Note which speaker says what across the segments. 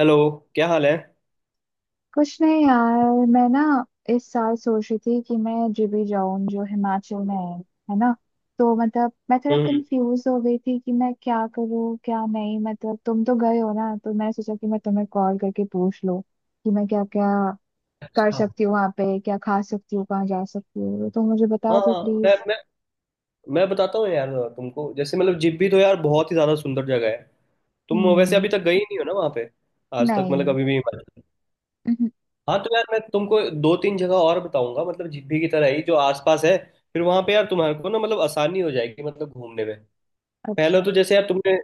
Speaker 1: Hello. क्या हाल है।
Speaker 2: कुछ नहीं यार, मैं ना इस साल सोच रही थी कि मैं जीबी जाऊं जो हिमाचल में है। है ना? तो मतलब मैं थोड़ा
Speaker 1: हम्म हम्म।
Speaker 2: कंफ्यूज हो गई थी कि मैं क्या करूं क्या नहीं। मतलब तुम तो गए हो ना, तो मैंने सोचा कि मैं तुम्हें कॉल करके पूछ लूं कि मैं क्या क्या कर
Speaker 1: अच्छा।
Speaker 2: सकती हूँ, वहां पे क्या खा सकती हूँ, कहाँ जा सकती हूँ। तो मुझे
Speaker 1: हाँ
Speaker 2: बता दो
Speaker 1: हाँ, मैं
Speaker 2: प्लीज।
Speaker 1: मैं मैं बताता हूँ यार। तुमको जैसे मतलब जिब्बी तो यार बहुत ही ज्यादा सुंदर जगह है। तुम वैसे
Speaker 2: हम्म।
Speaker 1: अभी तक गई नहीं हो ना वहाँ पे, आज तक मतलब
Speaker 2: नहीं।
Speaker 1: कभी भी। हाँ तो यार मैं तुमको दो तीन जगह और बताऊंगा, मतलब जिब्बी की तरह ही जो आसपास है। फिर वहाँ पे यार तुम्हारे को ना मतलब आसानी हो जाएगी मतलब घूमने में। पहला
Speaker 2: अच्छा।
Speaker 1: तो जैसे यार तुमने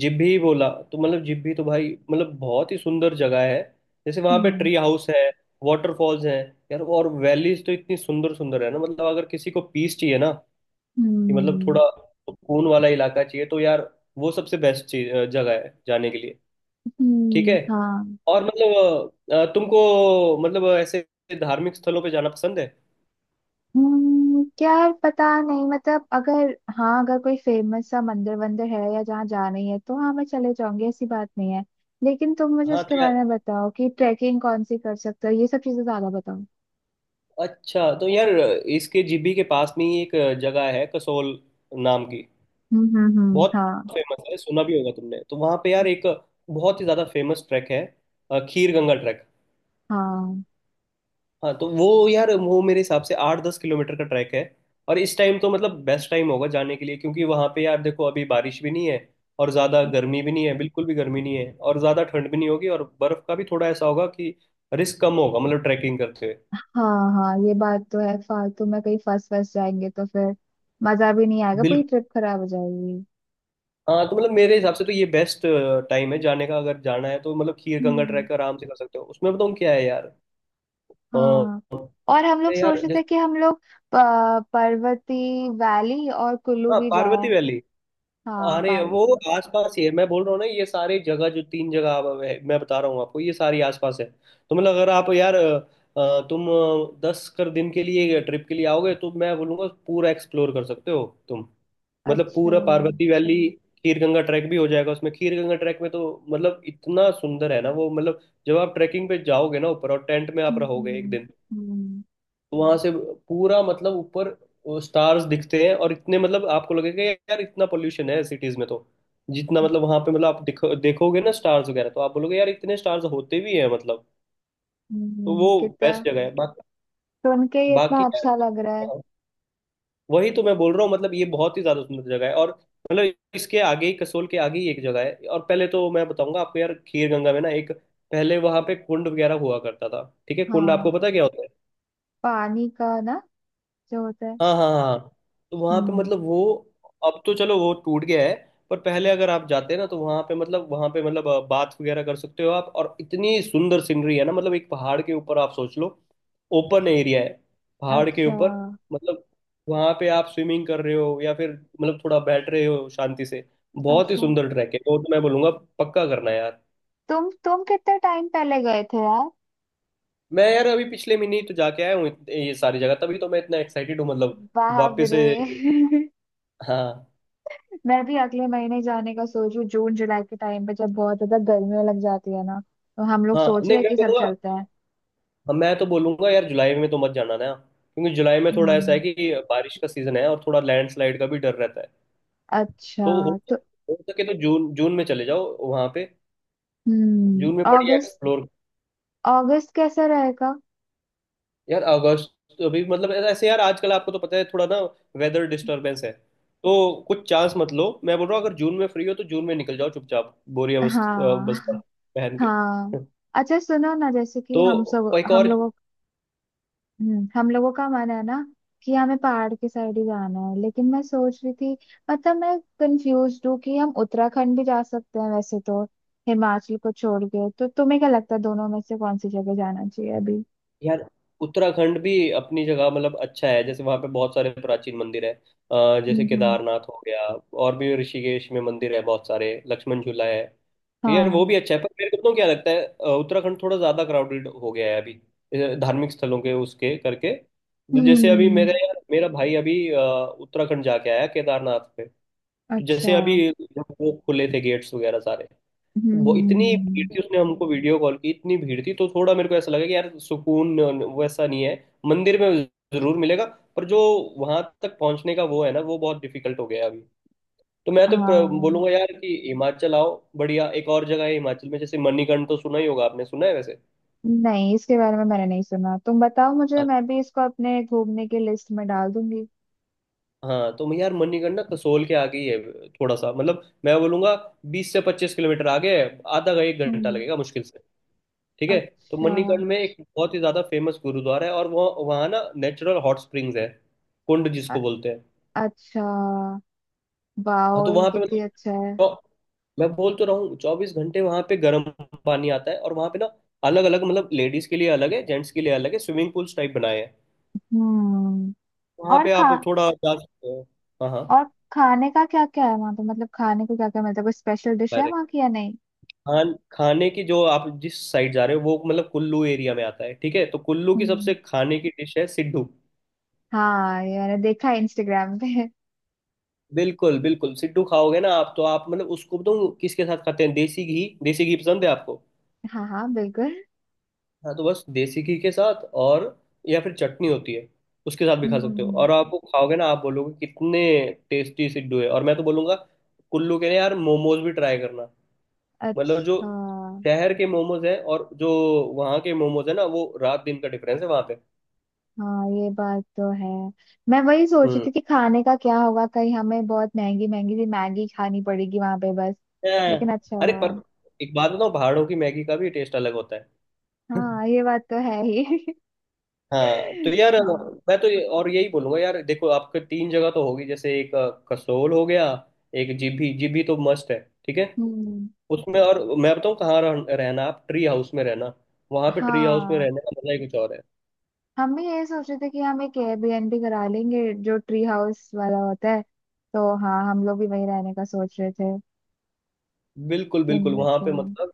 Speaker 1: जिब्भी ही बोला, तो मतलब जिब्भी तो भाई मतलब बहुत ही सुंदर जगह है। जैसे वहां पे
Speaker 2: हम्म
Speaker 1: ट्री हाउस है, वाटरफॉल्स है यार, और वैलीज तो इतनी सुंदर सुंदर है ना। मतलब अगर किसी को पीस चाहिए ना, कि मतलब थोड़ा
Speaker 2: हम्म
Speaker 1: सुकून वाला इलाका चाहिए तो यार वो सबसे बेस्ट चीज जगह है जाने के लिए। ठीक
Speaker 2: हम्म।
Speaker 1: है।
Speaker 2: हाँ।
Speaker 1: और मतलब तुमको मतलब ऐसे धार्मिक स्थलों पे जाना पसंद है।
Speaker 2: यार पता नहीं, मतलब अगर। हाँ अगर कोई फेमस सा मंदिर वंदिर है या जहाँ जाना ही है तो हाँ मैं चले जाऊंगी, ऐसी बात नहीं है। लेकिन तुम मुझे
Speaker 1: हाँ
Speaker 2: उसके
Speaker 1: तो
Speaker 2: बारे
Speaker 1: यार,
Speaker 2: में बताओ कि ट्रैकिंग कौन सी कर सकते हो, ये सब चीजें ज्यादा बताओ।
Speaker 1: अच्छा तो यार, इसके जिब्भी के पास में ही एक जगह है कसोल नाम की। बहुत
Speaker 2: हाँ।
Speaker 1: फेमस है, सुना भी होगा तुमने। तो वहाँ पे यार एक बहुत ही ज़्यादा फेमस ट्रैक है, खीर गंगा ट्रैक।
Speaker 2: हाँ
Speaker 1: हाँ तो वो यार वो मेरे हिसाब से 8-10 किलोमीटर का ट्रैक है। और इस टाइम तो मतलब बेस्ट टाइम होगा जाने के लिए, क्योंकि वहाँ पे यार देखो अभी बारिश भी नहीं है, और ज़्यादा गर्मी भी नहीं है, बिल्कुल भी गर्मी नहीं है, और ज़्यादा ठंड भी नहीं होगी, और बर्फ़ का भी थोड़ा ऐसा होगा कि रिस्क कम होगा मतलब ट्रैकिंग करते हुए।
Speaker 2: हाँ हाँ, ये बात तो है। फालतू में कहीं फंस फंस जाएंगे तो फिर मजा भी नहीं आएगा, पूरी
Speaker 1: बिल्कुल।
Speaker 2: ट्रिप खराब हो जाएगी।
Speaker 1: हाँ तो मतलब मेरे हिसाब से तो ये बेस्ट टाइम है जाने का। अगर जाना है तो मतलब खीर गंगा
Speaker 2: हम्म।
Speaker 1: ट्रैक आराम से कर सकते हो। उसमें बताऊँ क्या है यार।
Speaker 2: हाँ। और हम लोग
Speaker 1: नहीं
Speaker 2: सोच
Speaker 1: यार,
Speaker 2: रहे थे
Speaker 1: जैसे,
Speaker 2: कि हम लोग पर्वती वैली और कुल्लू
Speaker 1: हाँ
Speaker 2: भी
Speaker 1: पार्वती
Speaker 2: जाएं।
Speaker 1: वैली।
Speaker 2: हाँ
Speaker 1: अरे वो
Speaker 2: पार्वती।
Speaker 1: आसपास ही है, मैं बोल रहा हूँ ना। ये सारी जगह जो तीन जगह है, मैं बता रहा हूँ आपको ये सारी आसपास है। तो मतलब अगर आप यार तुम दस कर दिन के लिए ट्रिप के लिए आओगे, तो मैं बोलूँगा पूरा एक्सप्लोर कर सकते हो तुम। मतलब
Speaker 2: अच्छा।
Speaker 1: पूरा पार्वती वैली, खीर गंगा ट्रैक भी हो जाएगा उसमें। खीर गंगा ट्रैक में तो मतलब इतना सुंदर है ना वो। मतलब जब आप ट्रैकिंग पे जाओगे ना ऊपर, और टेंट में आप रहोगे एक दिन,
Speaker 2: हम्म
Speaker 1: वहां से पूरा मतलब ऊपर स्टार्स दिखते हैं, और इतने मतलब आपको लगेगा यार इतना पोल्यूशन है सिटीज में तो जितना मतलब वहां पे मतलब आप देखोगे ना स्टार्स वगैरह, तो आप बोलोगे यार इतने स्टार्स होते भी हैं मतलब। तो वो
Speaker 2: कितना।
Speaker 1: बेस्ट जगह है बाकी।
Speaker 2: सुन के ही इतना
Speaker 1: बाकी यार,
Speaker 2: अच्छा लग रहा है।
Speaker 1: हाँ, वही तो मैं बोल रहा हूँ मतलब ये बहुत ही ज्यादा सुंदर जगह है। और मतलब इसके आगे ही, कसोल के आगे ही एक जगह है। और पहले तो मैं बताऊंगा आपको यार खीर गंगा में ना, एक, पहले वहां पे कुंड वगैरह हुआ करता था। ठीक है, कुंड आपको
Speaker 2: हाँ,
Speaker 1: पता है क्या होता है।
Speaker 2: पानी का ना जो होता है।
Speaker 1: हाँ हाँ हाँ हाँ। तो वहाँ पे
Speaker 2: हम्म।
Speaker 1: मतलब वो, अब तो चलो वो टूट गया है। पर पहले अगर आप जाते हैं ना, तो वहाँ पे मतलब बात वगैरह कर सकते हो आप। और इतनी सुंदर सीनरी है ना मतलब, एक पहाड़ के ऊपर आप सोच लो, ओपन एरिया है पहाड़ के
Speaker 2: अच्छा।
Speaker 1: ऊपर। मतलब वहाँ पे आप स्विमिंग कर रहे हो या फिर मतलब थोड़ा बैठ रहे हो शांति से। बहुत ही
Speaker 2: अच्छा
Speaker 1: सुंदर ट्रैक है वो, तो मैं बोलूँगा पक्का करना यार।
Speaker 2: तुम कितने टाइम पहले गए थे यार?
Speaker 1: मैं यार अभी पिछले महीने ही तो जाके आया हूँ ये सारी जगह, तभी तो मैं इतना एक्साइटेड हूँ मतलब
Speaker 2: बाप
Speaker 1: वापस
Speaker 2: रे।
Speaker 1: से। हाँ।
Speaker 2: मैं भी अगले महीने जाने का सोच रही हूँ, जून जुलाई के टाइम पे जब बहुत ज्यादा गर्मी लग जाती है ना। तो हम लोग
Speaker 1: हाँ,
Speaker 2: सोच रहे
Speaker 1: नहीं
Speaker 2: हैं
Speaker 1: मैं
Speaker 2: कि सब
Speaker 1: बोलूँगा,
Speaker 2: चलते हैं।
Speaker 1: हाँ, मैं तो बोलूंगा यार जुलाई में तो मत जाना ना, क्योंकि जुलाई में थोड़ा ऐसा है
Speaker 2: हम्म।
Speaker 1: कि बारिश का सीजन है और थोड़ा लैंडस्लाइड का भी डर रहता है। तो
Speaker 2: अच्छा तो।
Speaker 1: हो सके तो जून, जून में चले जाओ वहां पे। जून में बढ़िया
Speaker 2: अगस्त।
Speaker 1: एक्सप्लोर।
Speaker 2: अगस्त कैसा रहेगा?
Speaker 1: यार अगस्त अभी मतलब ऐसे यार आजकल आपको तो पता है थोड़ा ना, वेदर डिस्टरबेंस है, तो कुछ चांस मत लो मैं बोल रहा हूँ। अगर जून में फ्री हो तो जून में निकल जाओ चुपचाप, बस्ता
Speaker 2: हाँ।
Speaker 1: पहन के।
Speaker 2: हाँ। अच्छा सुनो ना, जैसे कि
Speaker 1: तो एक
Speaker 2: हम
Speaker 1: और
Speaker 2: लोगों। हम लोगों का मन है ना कि हमें पहाड़ के साइड ही जाना है, लेकिन मैं सोच रही थी। मतलब मैं कंफ्यूज हूँ कि हम उत्तराखंड भी जा सकते हैं वैसे तो, हिमाचल को छोड़ के। तो तुम्हें क्या लगता है दोनों में से कौन सी जगह जाना चाहिए अभी?
Speaker 1: यार। उत्तराखंड भी अपनी जगह मतलब अच्छा है, जैसे वहाँ पे बहुत सारे प्राचीन मंदिर है, जैसे
Speaker 2: हम्म।
Speaker 1: केदारनाथ हो गया, और भी ऋषिकेश में मंदिर है बहुत सारे, लक्ष्मण झूला है। तो यार वो
Speaker 2: हाँ।
Speaker 1: भी अच्छा है, पर मेरे को पता है क्या लगता है, उत्तराखंड थोड़ा ज्यादा क्राउडेड हो गया है अभी, धार्मिक स्थलों के उसके करके। तो जैसे अभी
Speaker 2: हम्म।
Speaker 1: मेरे, मेरा भाई अभी उत्तराखंड जाके आया केदारनाथ पे। तो
Speaker 2: अच्छा।
Speaker 1: जैसे अभी जब वो खुले थे गेट्स वगैरह सारे,
Speaker 2: हम्म
Speaker 1: वो
Speaker 2: हम्म,
Speaker 1: इतनी भीड़
Speaker 2: हम्म,
Speaker 1: थी, उसने हमको वीडियो कॉल की, इतनी भीड़ थी। तो थोड़ा मेरे को ऐसा लगा कि यार सुकून वैसा नहीं है। मंदिर में जरूर मिलेगा पर जो वहां तक पहुंचने का वो है ना, वो बहुत डिफिकल्ट हो गया है अभी। तो मैं तो
Speaker 2: हाँ।
Speaker 1: बोलूंगा यार कि हिमाचल आओ, बढ़िया। एक और जगह है हिमाचल में जैसे, मणिकर्ण तो सुना ही होगा आपने, सुना है वैसे।
Speaker 2: नहीं, इसके बारे में मैंने नहीं सुना। तुम बताओ मुझे,
Speaker 1: हाँ,
Speaker 2: मैं भी इसको अपने घूमने की लिस्ट में डाल दूंगी।
Speaker 1: हाँ, तो मैं यार मणिकर्ण ना कसोल के आगे ही है थोड़ा सा, मतलब मैं बोलूंगा 20 से 25 किलोमीटर आगे है। आधा का एक घंटा
Speaker 2: हम्म,
Speaker 1: लगेगा मुश्किल से। ठीक है। तो
Speaker 2: अच्छा।
Speaker 1: मणिकर्ण में एक बहुत ही ज्यादा फेमस गुरुद्वारा है, और वह वहाँ ना नेचुरल हॉट स्प्रिंग्स है, कुंड जिसको
Speaker 2: अ-
Speaker 1: बोलते हैं।
Speaker 2: अच्छा।
Speaker 1: हाँ
Speaker 2: वाओ,
Speaker 1: तो
Speaker 2: ये
Speaker 1: वहाँ पे
Speaker 2: कितनी
Speaker 1: मतलब
Speaker 2: अच्छा है।
Speaker 1: चौ- मैं बोल तो रहा हूँ 24 घंटे वहाँ पे गर्म पानी आता है। और वहाँ पे ना अलग अलग मतलब, लेडीज के लिए अलग है, जेंट्स के लिए अलग है, स्विमिंग पूल्स टाइप बनाए हैं।
Speaker 2: हम्म।
Speaker 1: वहाँ
Speaker 2: और
Speaker 1: पे आप
Speaker 2: खा।
Speaker 1: थोड़ा जा सकते हो। हाँ हाँ।
Speaker 2: और खाने का क्या क्या है वहां पे, मतलब खाने को क्या क्या मिलता है? कोई स्पेशल डिश है
Speaker 1: अरे
Speaker 2: वहां की या नहीं?
Speaker 1: खाने की जो आप जिस साइड जा रहे हो वो मतलब कुल्लू एरिया में आता है, ठीक है। तो कुल्लू की सबसे
Speaker 2: हम्म।
Speaker 1: खाने की डिश है सिड्डू।
Speaker 2: हाँ ये मैंने देखा है इंस्टाग्राम पे।
Speaker 1: बिल्कुल बिल्कुल, सिड्डू खाओगे ना आप, तो आप मतलब, उसको बताऊं किसके साथ खाते हैं, देसी घी, देसी घी पसंद है आपको।
Speaker 2: हाँ हाँ बिल्कुल।
Speaker 1: हाँ तो बस देसी घी के साथ, और या फिर चटनी होती है उसके साथ भी खा सकते हो।
Speaker 2: हम्म।
Speaker 1: और आप वो खाओगे ना आप बोलोगे कितने टेस्टी सिड्डू है। और मैं तो बोलूंगा कुल्लू के ना यार मोमोज भी ट्राई करना। मतलब जो
Speaker 2: अच्छा।
Speaker 1: शहर के मोमोज है और जो वहाँ के मोमोज है ना, वो रात दिन का डिफरेंस है वहाँ पे।
Speaker 2: हाँ ये बात तो है। मैं वही सोच रही
Speaker 1: हम्म
Speaker 2: थी कि खाने का क्या होगा, कहीं हमें बहुत महंगी महंगी सी मैगी खानी पड़ेगी वहां पे बस।
Speaker 1: हैं।
Speaker 2: लेकिन अच्छा
Speaker 1: अरे
Speaker 2: हुआ।
Speaker 1: पर एक बात बताऊँ, पहाड़ों की मैगी का भी टेस्ट अलग होता है।
Speaker 2: हाँ ये बात तो है ही।
Speaker 1: हाँ तो यार
Speaker 2: हाँ।
Speaker 1: मैं तो और यही बोलूंगा यार, देखो आपके तीन जगह तो होगी, जैसे एक कसोल हो गया, एक जीभी, जीभी तो मस्ट है। ठीक है
Speaker 2: हम्म।
Speaker 1: उसमें। और मैं बताऊँ कहाँ रहना, आप ट्री हाउस में रहना। वहां पे ट्री हाउस में
Speaker 2: हाँ
Speaker 1: रहने का मजा ही कुछ और है।
Speaker 2: हम भी यही सोच रहे थे कि हम एक एयरबीएनबी करा लेंगे जो ट्री हाउस वाला होता है। तो हाँ हम लोग भी वही रहने का सोच रहे थे।
Speaker 1: बिल्कुल बिल्कुल।
Speaker 2: सिमिलर
Speaker 1: वहां
Speaker 2: से।
Speaker 1: पे मतलब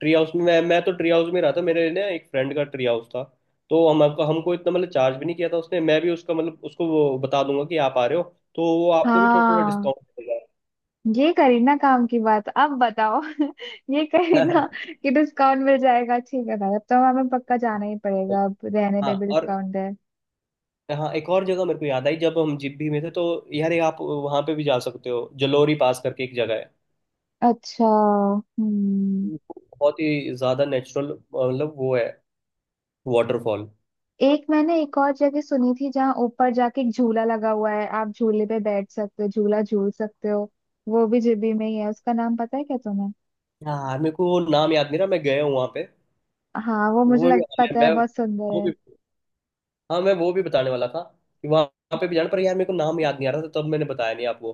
Speaker 1: ट्री हाउस में, मैं तो ट्री हाउस में रहा था। मेरे ना एक फ्रेंड का ट्री हाउस था, तो हम हमको हमको इतना मतलब चार्ज भी नहीं किया था उसने। मैं भी उसका मतलब उसको वो बता दूंगा कि आप आ रहे हो, तो वो आपको भी थोड़ा
Speaker 2: हाँ
Speaker 1: डिस्काउंट देगा।
Speaker 2: ये करी ना काम की बात अब बताओ। ये करी ना कि डिस्काउंट मिल जाएगा। ठीक है भाई, अब तो हमें पक्का जाना ही पड़ेगा, अब रहने पे
Speaker 1: हाँ।
Speaker 2: भी
Speaker 1: और
Speaker 2: डिस्काउंट है।
Speaker 1: हाँ एक और जगह मेरे को याद आई जब हम जिब्भी में थे तो, यार ये आप वहाँ पे भी जा सकते हो, जलोरी पास करके एक जगह है,
Speaker 2: अच्छा। हम्म।
Speaker 1: बहुत ही ज्यादा नेचुरल, मतलब वो है वाटरफॉल।
Speaker 2: एक मैंने एक और जगह सुनी थी जहाँ ऊपर जाके एक झूला लगा हुआ है, आप झूले पे बैठ सकते हो, झूला झूल सकते हो। वो भी जीबी में ही है, उसका नाम पता है क्या तुम्हें?
Speaker 1: हाँ मेरे को वो नाम याद नहीं रहा, मैं गया हूँ वहाँ पे
Speaker 2: हाँ वो मुझे
Speaker 1: वो भी।
Speaker 2: लग
Speaker 1: मैं,
Speaker 2: पता है
Speaker 1: मैं
Speaker 2: बहुत सुंदर
Speaker 1: वो
Speaker 2: है।
Speaker 1: भी, हाँ मैं वो भी बताने वाला था कि वहां पे भी जाना, पर यार मेरे को नाम याद नहीं आ रहा था तब, मैंने बताया नहीं आपको।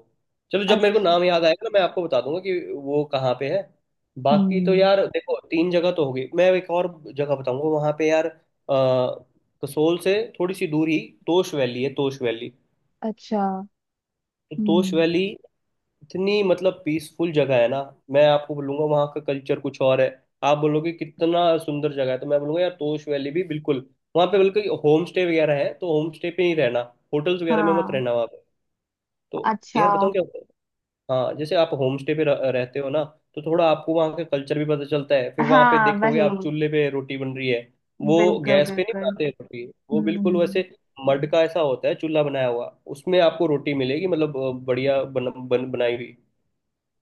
Speaker 1: चलो जब मेरे को
Speaker 2: अच्छा।
Speaker 1: नाम याद आएगा ना, मैं आपको बता दूंगा कि वो कहाँ पे है। बाकी तो
Speaker 2: हम्म।
Speaker 1: यार देखो तीन जगह तो होगी, मैं एक और जगह बताऊंगा। वहां पे यार कसोल से थोड़ी सी दूर ही तोश वैली है, तोश वैली।
Speaker 2: अच्छा।
Speaker 1: तो तोश
Speaker 2: हम्म।
Speaker 1: वैली इतनी मतलब पीसफुल जगह है ना। मैं आपको बोलूंगा वहाँ का कल्चर कुछ और है, आप बोलोगे कितना सुंदर जगह है। तो मैं बोलूंगा यार तोश वैली भी बिल्कुल। वहाँ पे बल्कि होम स्टे वगैरह है, तो होम स्टे पे ही रहना, होटल्स वगैरह में मत
Speaker 2: हाँ।
Speaker 1: रहना वहाँ पे। तो
Speaker 2: अच्छा।
Speaker 1: यार बताऊँ क्या होता है, हाँ, जैसे आप होम स्टे पे रहते हो ना, तो थोड़ा आपको वहाँ का कल्चर भी पता चलता है। फिर वहाँ पे
Speaker 2: हाँ वही।
Speaker 1: देखोगे आप चूल्हे पे रोटी बन रही है वो,
Speaker 2: बिल्कुल
Speaker 1: गैस पे नहीं
Speaker 2: बिल्कुल।
Speaker 1: बनाते रोटी वो, बिल्कुल
Speaker 2: हम्म।
Speaker 1: वैसे मड का ऐसा होता है चूल्हा बनाया हुआ, उसमें आपको रोटी मिलेगी, मतलब बढ़िया बन, बन, बनाई हुई।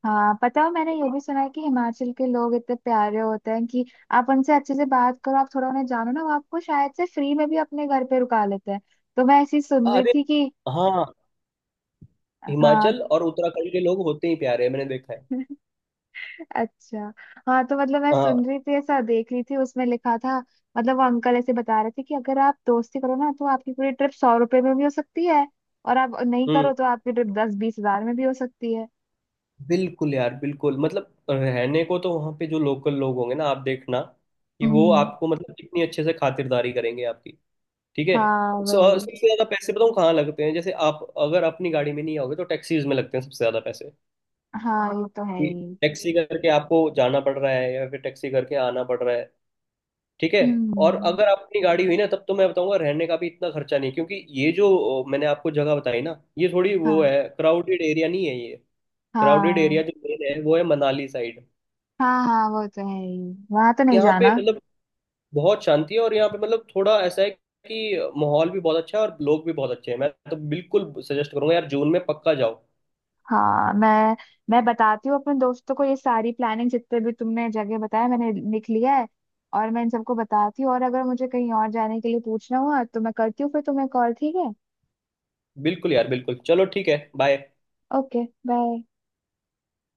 Speaker 2: हाँ पता है मैंने ये भी सुना है कि हिमाचल के लोग इतने प्यारे होते हैं कि आप उनसे अच्छे से बात करो, आप थोड़ा उन्हें जानो ना, वो आपको शायद से फ्री में भी अपने घर पे रुका लेते हैं। तो मैं ऐसी सुन रही
Speaker 1: अरे,
Speaker 2: थी कि।
Speaker 1: हाँ,
Speaker 2: हाँ।
Speaker 1: हिमाचल और उत्तराखंड के लोग होते ही प्यारे हैं, मैंने देखा है।
Speaker 2: अच्छा। हाँ तो मतलब मैं
Speaker 1: हाँ।
Speaker 2: सुन रही थी, ऐसा देख रही थी, उसमें लिखा था मतलब वो अंकल ऐसे बता रहे थे कि अगर आप दोस्ती करो ना तो आपकी पूरी ट्रिप 100 रुपए में भी हो सकती है। और आप नहीं
Speaker 1: हम्म।
Speaker 2: करो तो आपकी ट्रिप 10-20 हजार में भी हो सकती है।
Speaker 1: बिल्कुल यार बिल्कुल, मतलब रहने को तो वहाँ पे जो लोकल लोग होंगे ना, आप देखना कि वो
Speaker 2: हम्म।
Speaker 1: आपको मतलब कितनी अच्छे से खातिरदारी करेंगे आपकी। ठीक है।
Speaker 2: हाँ वही।
Speaker 1: सबसे ज्यादा पैसे बताऊँ कहाँ लगते हैं, जैसे आप अगर अपनी गाड़ी में नहीं आओगे तो टैक्सीज में लगते हैं सबसे ज्यादा पैसे।
Speaker 2: हाँ ये तो है
Speaker 1: कि
Speaker 2: ही।
Speaker 1: टैक्सी करके आपको जाना पड़ रहा है या फिर टैक्सी करके आना पड़ रहा है। ठीक है। और
Speaker 2: हम्म।
Speaker 1: अगर आप अपनी गाड़ी हुई ना, तब तो मैं बताऊंगा रहने का भी इतना खर्चा नहीं, क्योंकि ये जो मैंने आपको जगह बताई ना ये थोड़ी, वो
Speaker 2: हाँ।
Speaker 1: है क्राउडेड एरिया नहीं है ये। क्राउडेड एरिया
Speaker 2: हाँ
Speaker 1: जो मेन है वो है मनाली साइड।
Speaker 2: हाँ, हाँ वो तो है ही। वहां तो नहीं
Speaker 1: यहाँ पे
Speaker 2: जाना।
Speaker 1: मतलब बहुत शांति है, और यहाँ पे मतलब थोड़ा ऐसा है कि माहौल भी बहुत अच्छा है, और लोग भी बहुत अच्छे हैं। मैं तो बिल्कुल सजेस्ट करूंगा यार जून में पक्का जाओ।
Speaker 2: हाँ मैं। बताती हूँ अपने दोस्तों को, ये सारी प्लानिंग जितने भी तुमने जगह बताया मैंने लिख लिया है। और मैं इन सबको बताती हूँ, और अगर मुझे कहीं और जाने के लिए पूछना हुआ तो मैं करती हूँ फिर तुम्हें कॉल। ठीक है।
Speaker 1: बिल्कुल यार बिल्कुल, चलो ठीक है, बाय।
Speaker 2: Okay bye.